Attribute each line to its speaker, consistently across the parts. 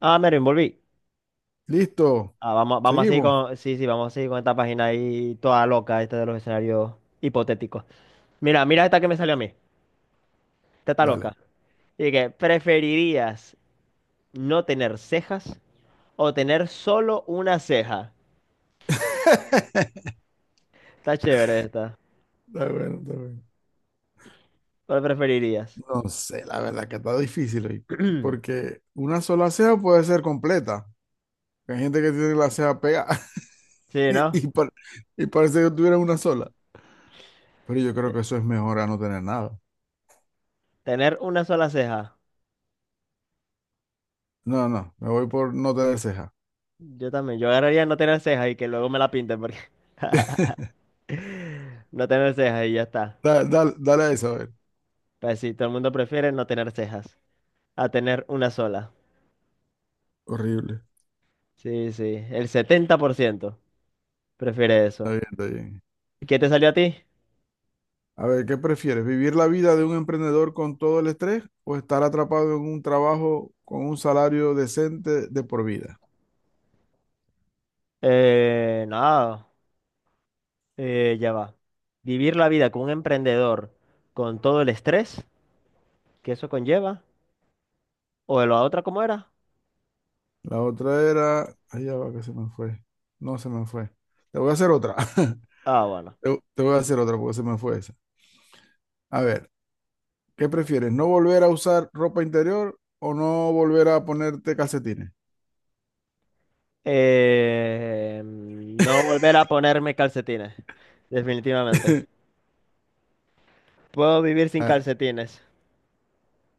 Speaker 1: Ah, me reenvolví.
Speaker 2: Listo.
Speaker 1: Ah, vamos
Speaker 2: Seguimos.
Speaker 1: sí, sí, vamos a seguir con esta página ahí toda loca, esta de los escenarios hipotéticos. Mira, mira esta que me salió a mí. Esta está
Speaker 2: Dale.
Speaker 1: loca. ¿Preferirías no tener cejas o tener solo una ceja? Está chévere esta.
Speaker 2: Está bueno, está bueno.
Speaker 1: ¿Cuál preferirías?
Speaker 2: No sé, la verdad que está difícil, ¿oíste? Porque una sola ceja puede ser completa. Hay gente que tiene la ceja pegada
Speaker 1: Sí,
Speaker 2: y,
Speaker 1: ¿no?
Speaker 2: y par- y parece que tuviera una sola. Pero yo creo que eso es mejor a no tener nada.
Speaker 1: Tener una sola ceja.
Speaker 2: No, no, me voy por no tener ceja.
Speaker 1: Yo también. Yo agarraría no tener cejas y que luego me la pinten porque no tener cejas y ya está.
Speaker 2: Dale, dale, dale a eso, a ver.
Speaker 1: Pues sí, todo el mundo prefiere no tener cejas a tener una sola.
Speaker 2: Horrible.
Speaker 1: Sí, sí, el 70% prefiere
Speaker 2: Está
Speaker 1: eso.
Speaker 2: bien, está bien.
Speaker 1: ¿Qué te salió a ti?
Speaker 2: A ver, ¿qué prefieres? ¿Vivir la vida de un emprendedor con todo el estrés o estar atrapado en un trabajo con un salario decente de por vida?
Speaker 1: Nada, ya va. Vivir la vida como un emprendedor con todo el estrés que eso conlleva. ¿O la otra cómo era?
Speaker 2: La otra era... Ay, ya va que se me fue. No se me fue. Te voy a hacer otra.
Speaker 1: Ah, bueno.
Speaker 2: Te voy a hacer otra porque se me fue esa. A ver, ¿qué prefieres? ¿No volver a usar ropa interior o no volver a ponerte calcetines?
Speaker 1: No volver a ponerme calcetines, definitivamente. Puedo vivir sin
Speaker 2: Ah,
Speaker 1: calcetines.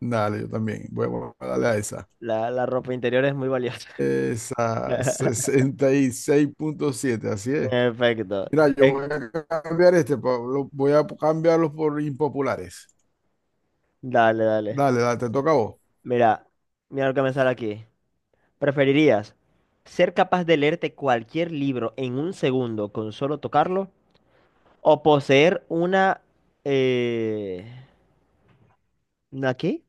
Speaker 2: Dale, yo también. Voy a darle a esa.
Speaker 1: La ropa interior es muy valiosa.
Speaker 2: Esa 66.7, así es.
Speaker 1: Perfecto.
Speaker 2: Mira, yo
Speaker 1: Es-
Speaker 2: voy a cambiar este, Pablo, voy a cambiarlos por impopulares.
Speaker 1: Dale, dale.
Speaker 2: Dale, dale, te toca a vos.
Speaker 1: Mira, mira lo que me sale aquí. ¿Preferirías ser capaz de leerte cualquier libro en un segundo con solo tocarlo? ¿O poseer una? Eh, ¿Una qué?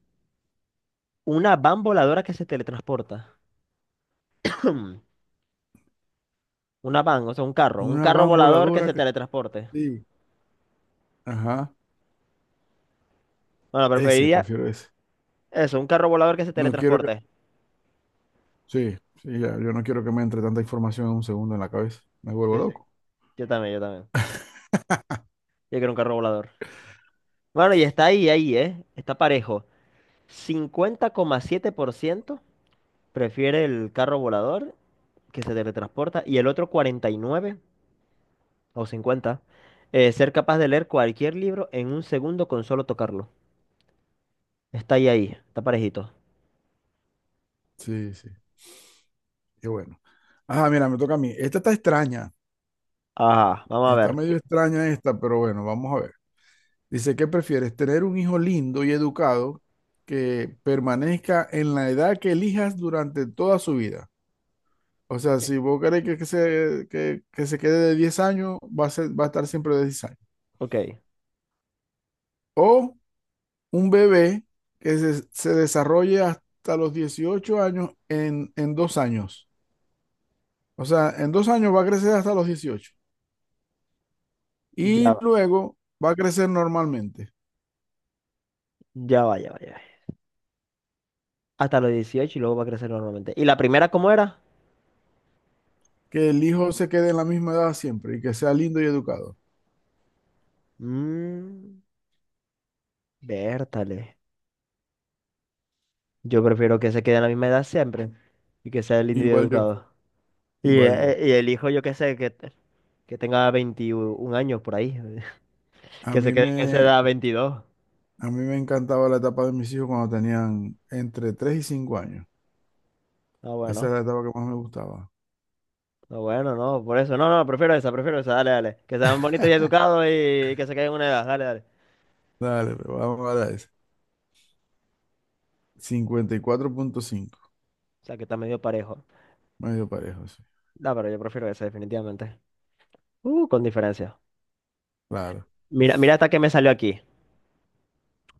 Speaker 1: Una van voladora que se teletransporta. Hmm, Una van, o sea, un carro. Un
Speaker 2: Una
Speaker 1: carro
Speaker 2: van
Speaker 1: volador que
Speaker 2: voladora
Speaker 1: se
Speaker 2: que...
Speaker 1: teletransporte.
Speaker 2: Sí, ajá,
Speaker 1: Bueno,
Speaker 2: ese,
Speaker 1: preferiría
Speaker 2: prefiero ese.
Speaker 1: eso, un carro volador que se
Speaker 2: No quiero que...
Speaker 1: teletransporte.
Speaker 2: Sí, sí, ya, yo no quiero que me entre tanta información en un segundo en la cabeza. Me vuelvo
Speaker 1: Sí, sí.
Speaker 2: loco.
Speaker 1: Yo también, yo también. Yo quiero un carro volador. Bueno, y está ahí, ahí, ¿eh? Está parejo. 50,7% prefiere el carro volador que se teletransporta y el otro 49 o 50, ser capaz de leer cualquier libro en un segundo con solo tocarlo. Está ahí, ahí, está parejito.
Speaker 2: Sí, sí, qué bueno. Ajá, mira, me toca a mí. Esta está extraña,
Speaker 1: Ajá, vamos a
Speaker 2: está
Speaker 1: ver.
Speaker 2: medio extraña esta, pero bueno, vamos a ver. Dice, ¿qué prefieres? ¿Tener un hijo lindo y educado que permanezca en la edad que elijas durante toda su vida? O sea, si vos querés que se quede de 10 años, va a ser, va a estar siempre de 10 años.
Speaker 1: Ok,
Speaker 2: O un bebé que se desarrolle hasta los 18 años en dos años. O sea, en dos años va a crecer hasta los 18.
Speaker 1: ya
Speaker 2: Y
Speaker 1: va,
Speaker 2: luego va a crecer normalmente.
Speaker 1: ya va, ya va, ya va. Hasta los 18 y luego va a crecer normalmente. ¿Y la primera cómo era?
Speaker 2: Que el hijo se quede en la misma edad siempre y que sea lindo y educado.
Speaker 1: Mmm, Vértale. Yo prefiero que se quede en la misma edad siempre y que sea lindo y
Speaker 2: Igual yo,
Speaker 1: educado. Y,
Speaker 2: igual
Speaker 1: eh,
Speaker 2: yo.
Speaker 1: y el hijo, yo qué sé, que tenga 21 años por ahí.
Speaker 2: A
Speaker 1: Que se
Speaker 2: mí
Speaker 1: quede en esa
Speaker 2: me,
Speaker 1: edad 22.
Speaker 2: a mí me encantaba la etapa de mis hijos cuando tenían entre 3 y 5 años.
Speaker 1: Ah,
Speaker 2: Esa
Speaker 1: bueno.
Speaker 2: era la etapa que más me gustaba.
Speaker 1: Ah, bueno, no, por eso. No, no, prefiero esa, prefiero esa. Dale, dale. Que sean bonitos y educados y que se queden en una edad. Dale, dale.
Speaker 2: Dale, pero vamos a dar ese. 54.5.
Speaker 1: O sea, que está medio parejo.
Speaker 2: Medio parejo, sí.
Speaker 1: No, pero yo prefiero esa, definitivamente. Con diferencia.
Speaker 2: Claro.
Speaker 1: Mira, mira hasta que me salió aquí.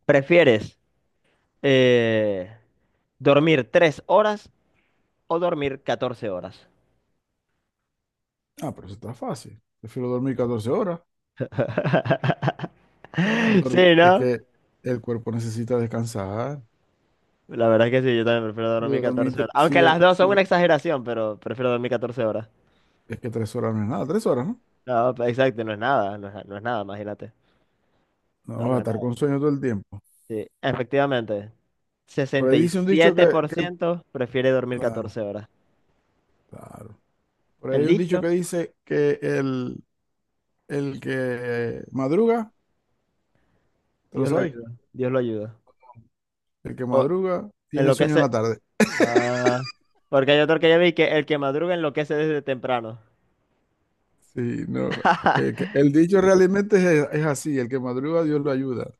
Speaker 1: ¿Prefieres eh, dormir 3 horas o dormir 14 horas?
Speaker 2: Ah, pero eso está fácil. Prefiero dormir 14 horas.
Speaker 1: Sí,
Speaker 2: Es
Speaker 1: ¿no?
Speaker 2: que el cuerpo necesita descansar.
Speaker 1: La verdad es que sí, yo también prefiero
Speaker 2: Y
Speaker 1: dormir
Speaker 2: dormir,
Speaker 1: 14
Speaker 2: tre-
Speaker 1: horas.
Speaker 2: sí,
Speaker 1: Aunque las
Speaker 2: do-
Speaker 1: dos son
Speaker 2: sí, do-
Speaker 1: una exageración, pero prefiero dormir 14 horas.
Speaker 2: es que 3 horas no es nada. Tres horas, ¿no?
Speaker 1: No, exacto, no es nada, no es nada, imagínate.
Speaker 2: No
Speaker 1: No,
Speaker 2: vas a
Speaker 1: no es
Speaker 2: estar
Speaker 1: nada.
Speaker 2: con sueño todo el tiempo.
Speaker 1: Sí, efectivamente.
Speaker 2: Por
Speaker 1: sesenta
Speaker 2: ahí
Speaker 1: y
Speaker 2: dice un dicho
Speaker 1: siete
Speaker 2: que,
Speaker 1: por
Speaker 2: que
Speaker 1: ciento prefiere dormir
Speaker 2: claro,
Speaker 1: 14 horas.
Speaker 2: claro. Por ahí
Speaker 1: El
Speaker 2: hay un dicho que
Speaker 1: dicho,
Speaker 2: dice que el que madruga, ¿te lo
Speaker 1: Dios lo
Speaker 2: sabéis?
Speaker 1: ayuda, Dios lo ayuda.
Speaker 2: El que
Speaker 1: O
Speaker 2: madruga tiene sueño en la
Speaker 1: enloquece.
Speaker 2: tarde.
Speaker 1: Ah, porque hay otro que ya vi que el que madruga enloquece desde temprano.
Speaker 2: Sí, no. Que el dicho realmente es así, el que madruga Dios lo ayuda,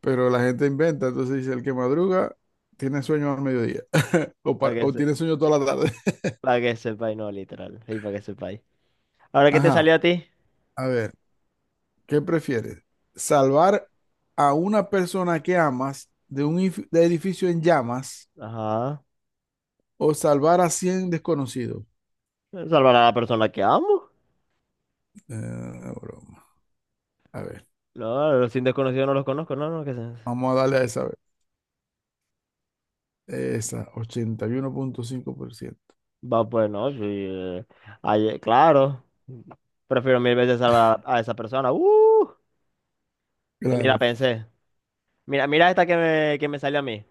Speaker 2: pero la gente inventa, entonces dice, el que madruga tiene sueño al mediodía
Speaker 1: Para que,
Speaker 2: o
Speaker 1: se,
Speaker 2: tiene sueño toda la tarde.
Speaker 1: Pa' que sepáis, no, literal. Y para que sepáis. Ahora, ¿qué te
Speaker 2: Ajá,
Speaker 1: salió a ti?
Speaker 2: a ver, ¿qué prefieres? ¿Salvar a una persona que amas de un if- de edificio en llamas
Speaker 1: Ajá.
Speaker 2: o salvar a 100 desconocidos?
Speaker 1: Salvar a la persona que amo.
Speaker 2: Broma. A ver,
Speaker 1: No, los sin desconocidos no los conozco, no, no, que sé.
Speaker 2: vamos a darle a esa, a ver. Esa, 81.5%.
Speaker 1: Va, pues no, sí. Ay, claro. Prefiero mil veces salvar a esa persona. ¡Uh! Que ni la
Speaker 2: Claro,
Speaker 1: pensé. Mira, mira esta que me salió a mí.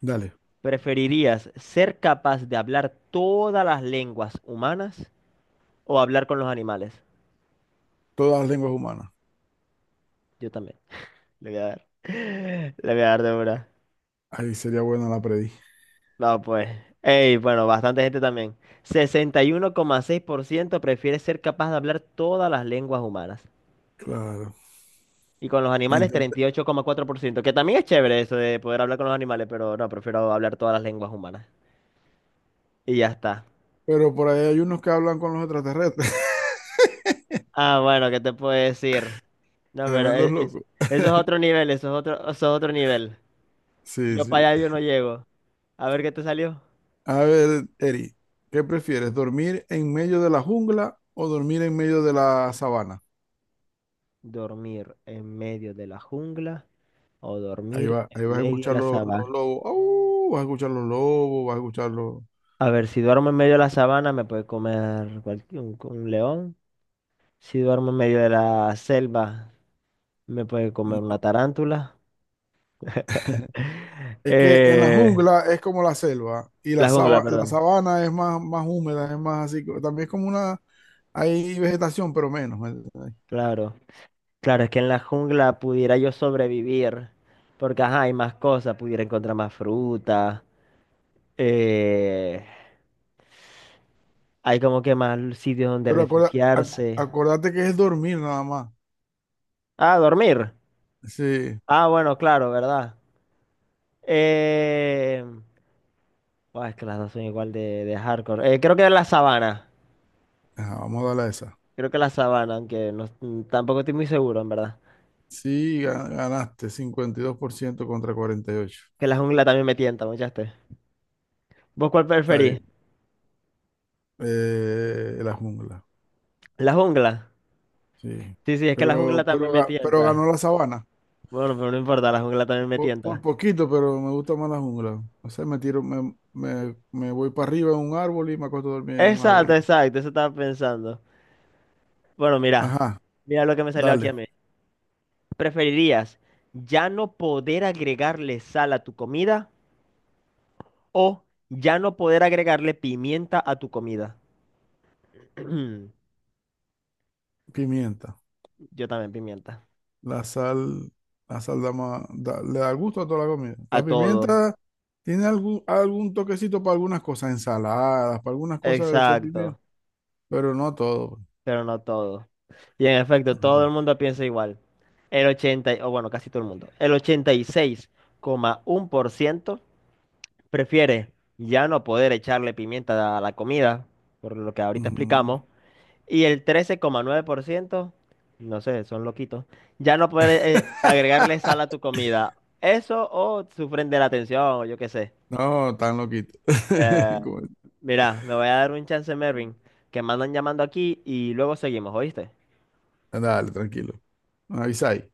Speaker 2: dale,
Speaker 1: ¿Preferirías ser capaz de hablar todas las lenguas humanas o hablar con los animales?
Speaker 2: todas las lenguas humanas.
Speaker 1: Yo también. Le voy a dar. Le voy a dar de una.
Speaker 2: Ahí sería buena la predí.
Speaker 1: No, pues. Ey, bueno, bastante gente también. 61,6% prefiere ser capaz de hablar todas las lenguas humanas.
Speaker 2: Claro.
Speaker 1: Y con los animales,
Speaker 2: Entend-
Speaker 1: 38,4% que también es chévere eso de poder hablar con los animales, pero no, prefiero hablar todas las lenguas humanas. Y ya está.
Speaker 2: Pero por ahí hay unos que hablan con los extraterrestres.
Speaker 1: Ah, bueno, ¿qué te puedo decir? No, pero
Speaker 2: Tremendos locos.
Speaker 1: eso es otro nivel, eso es otro nivel.
Speaker 2: Sí,
Speaker 1: Yo
Speaker 2: sí.
Speaker 1: para allá yo no llego. A ver qué te salió.
Speaker 2: A ver, Eri, ¿qué prefieres? ¿Dormir en medio de la jungla o dormir en medio de la sabana?
Speaker 1: ¿Dormir en medio de la jungla o
Speaker 2: Ahí
Speaker 1: dormir
Speaker 2: va,
Speaker 1: en
Speaker 2: ahí vas a
Speaker 1: medio de
Speaker 2: escuchar
Speaker 1: la
Speaker 2: los
Speaker 1: sabana?
Speaker 2: lobos. ¡Au! Vas a escuchar los lobos, vas a escuchar los...
Speaker 1: A ver, si duermo en medio de la sabana me puede comer un león. Si duermo en medio de la selva me puede comer
Speaker 2: No.
Speaker 1: una tarántula.
Speaker 2: Es que en la
Speaker 1: Eh,
Speaker 2: jungla es como la selva y
Speaker 1: la jungla,
Speaker 2: la
Speaker 1: perdón.
Speaker 2: sabana es más, más húmeda, es más así. También es como una... Hay vegetación, pero menos. ¿Me entiendes?
Speaker 1: Claro. Claro, es que en la jungla pudiera yo sobrevivir. Porque, ajá, hay más cosas. Pudiera encontrar más fruta. eh, Hay como que más sitios donde
Speaker 2: Pero
Speaker 1: refugiarse.
Speaker 2: acordate que es dormir nada más.
Speaker 1: Ah, dormir.
Speaker 2: Sí.
Speaker 1: Ah, bueno, claro, ¿verdad? Eh, Buah, es que las dos son igual de hardcore. Creo que la sabana.
Speaker 2: Ajá, vamos a darle a esa.
Speaker 1: Creo que la sabana, aunque no, tampoco estoy muy seguro, en verdad.
Speaker 2: Sí, ganaste 52% contra 48.
Speaker 1: Que la jungla también me tienta, muchaste. ¿Vos cuál
Speaker 2: Está ahí.
Speaker 1: preferís?
Speaker 2: La jungla.
Speaker 1: La jungla.
Speaker 2: Sí.
Speaker 1: Sí, sí, es que la jungla también me
Speaker 2: Pero ganó
Speaker 1: tienta.
Speaker 2: la sabana.
Speaker 1: Bueno, pero no importa, la jungla también me
Speaker 2: Por
Speaker 1: tienta.
Speaker 2: poquito, pero me gusta más la jungla. O sea, me tiro, me voy para arriba en un árbol y me acuesto a dormir en un
Speaker 1: Exacto,
Speaker 2: árbol.
Speaker 1: exacto, eso estaba pensando. Bueno, mira,
Speaker 2: Ajá,
Speaker 1: mira lo que me salió aquí a
Speaker 2: dale.
Speaker 1: mí. ¿Preferirías ya no poder agregarle sal a tu comida o ya no poder agregarle pimienta a tu comida?
Speaker 2: Pimienta.
Speaker 1: Yo también pimienta.
Speaker 2: La sal, la sal le da gusto a toda la comida.
Speaker 1: A
Speaker 2: La
Speaker 1: todo.
Speaker 2: pimienta tiene algún, algún toquecito para algunas cosas, ensaladas, para algunas cosas que le echáis pimienta,
Speaker 1: Exacto,
Speaker 2: pero no todo. Pues.
Speaker 1: pero no todo. Y en efecto, todo
Speaker 2: Ajá.
Speaker 1: el mundo piensa igual. O bueno, casi todo el mundo. El 86,1% prefiere ya no poder echarle pimienta a la comida, por lo que ahorita
Speaker 2: Ujú.
Speaker 1: explicamos, y el 13,9%, no sé, son loquitos, ya no poder agregarle sal a tu comida. Eso o sufren de la tensión, o yo qué sé.
Speaker 2: No, tan loquito.
Speaker 1: Eh,
Speaker 2: Como-
Speaker 1: Mira, me voy a dar un chance, Mervin, que me andan llamando aquí y luego seguimos, ¿oíste?
Speaker 2: Dale, tranquilo. Avisa ahí.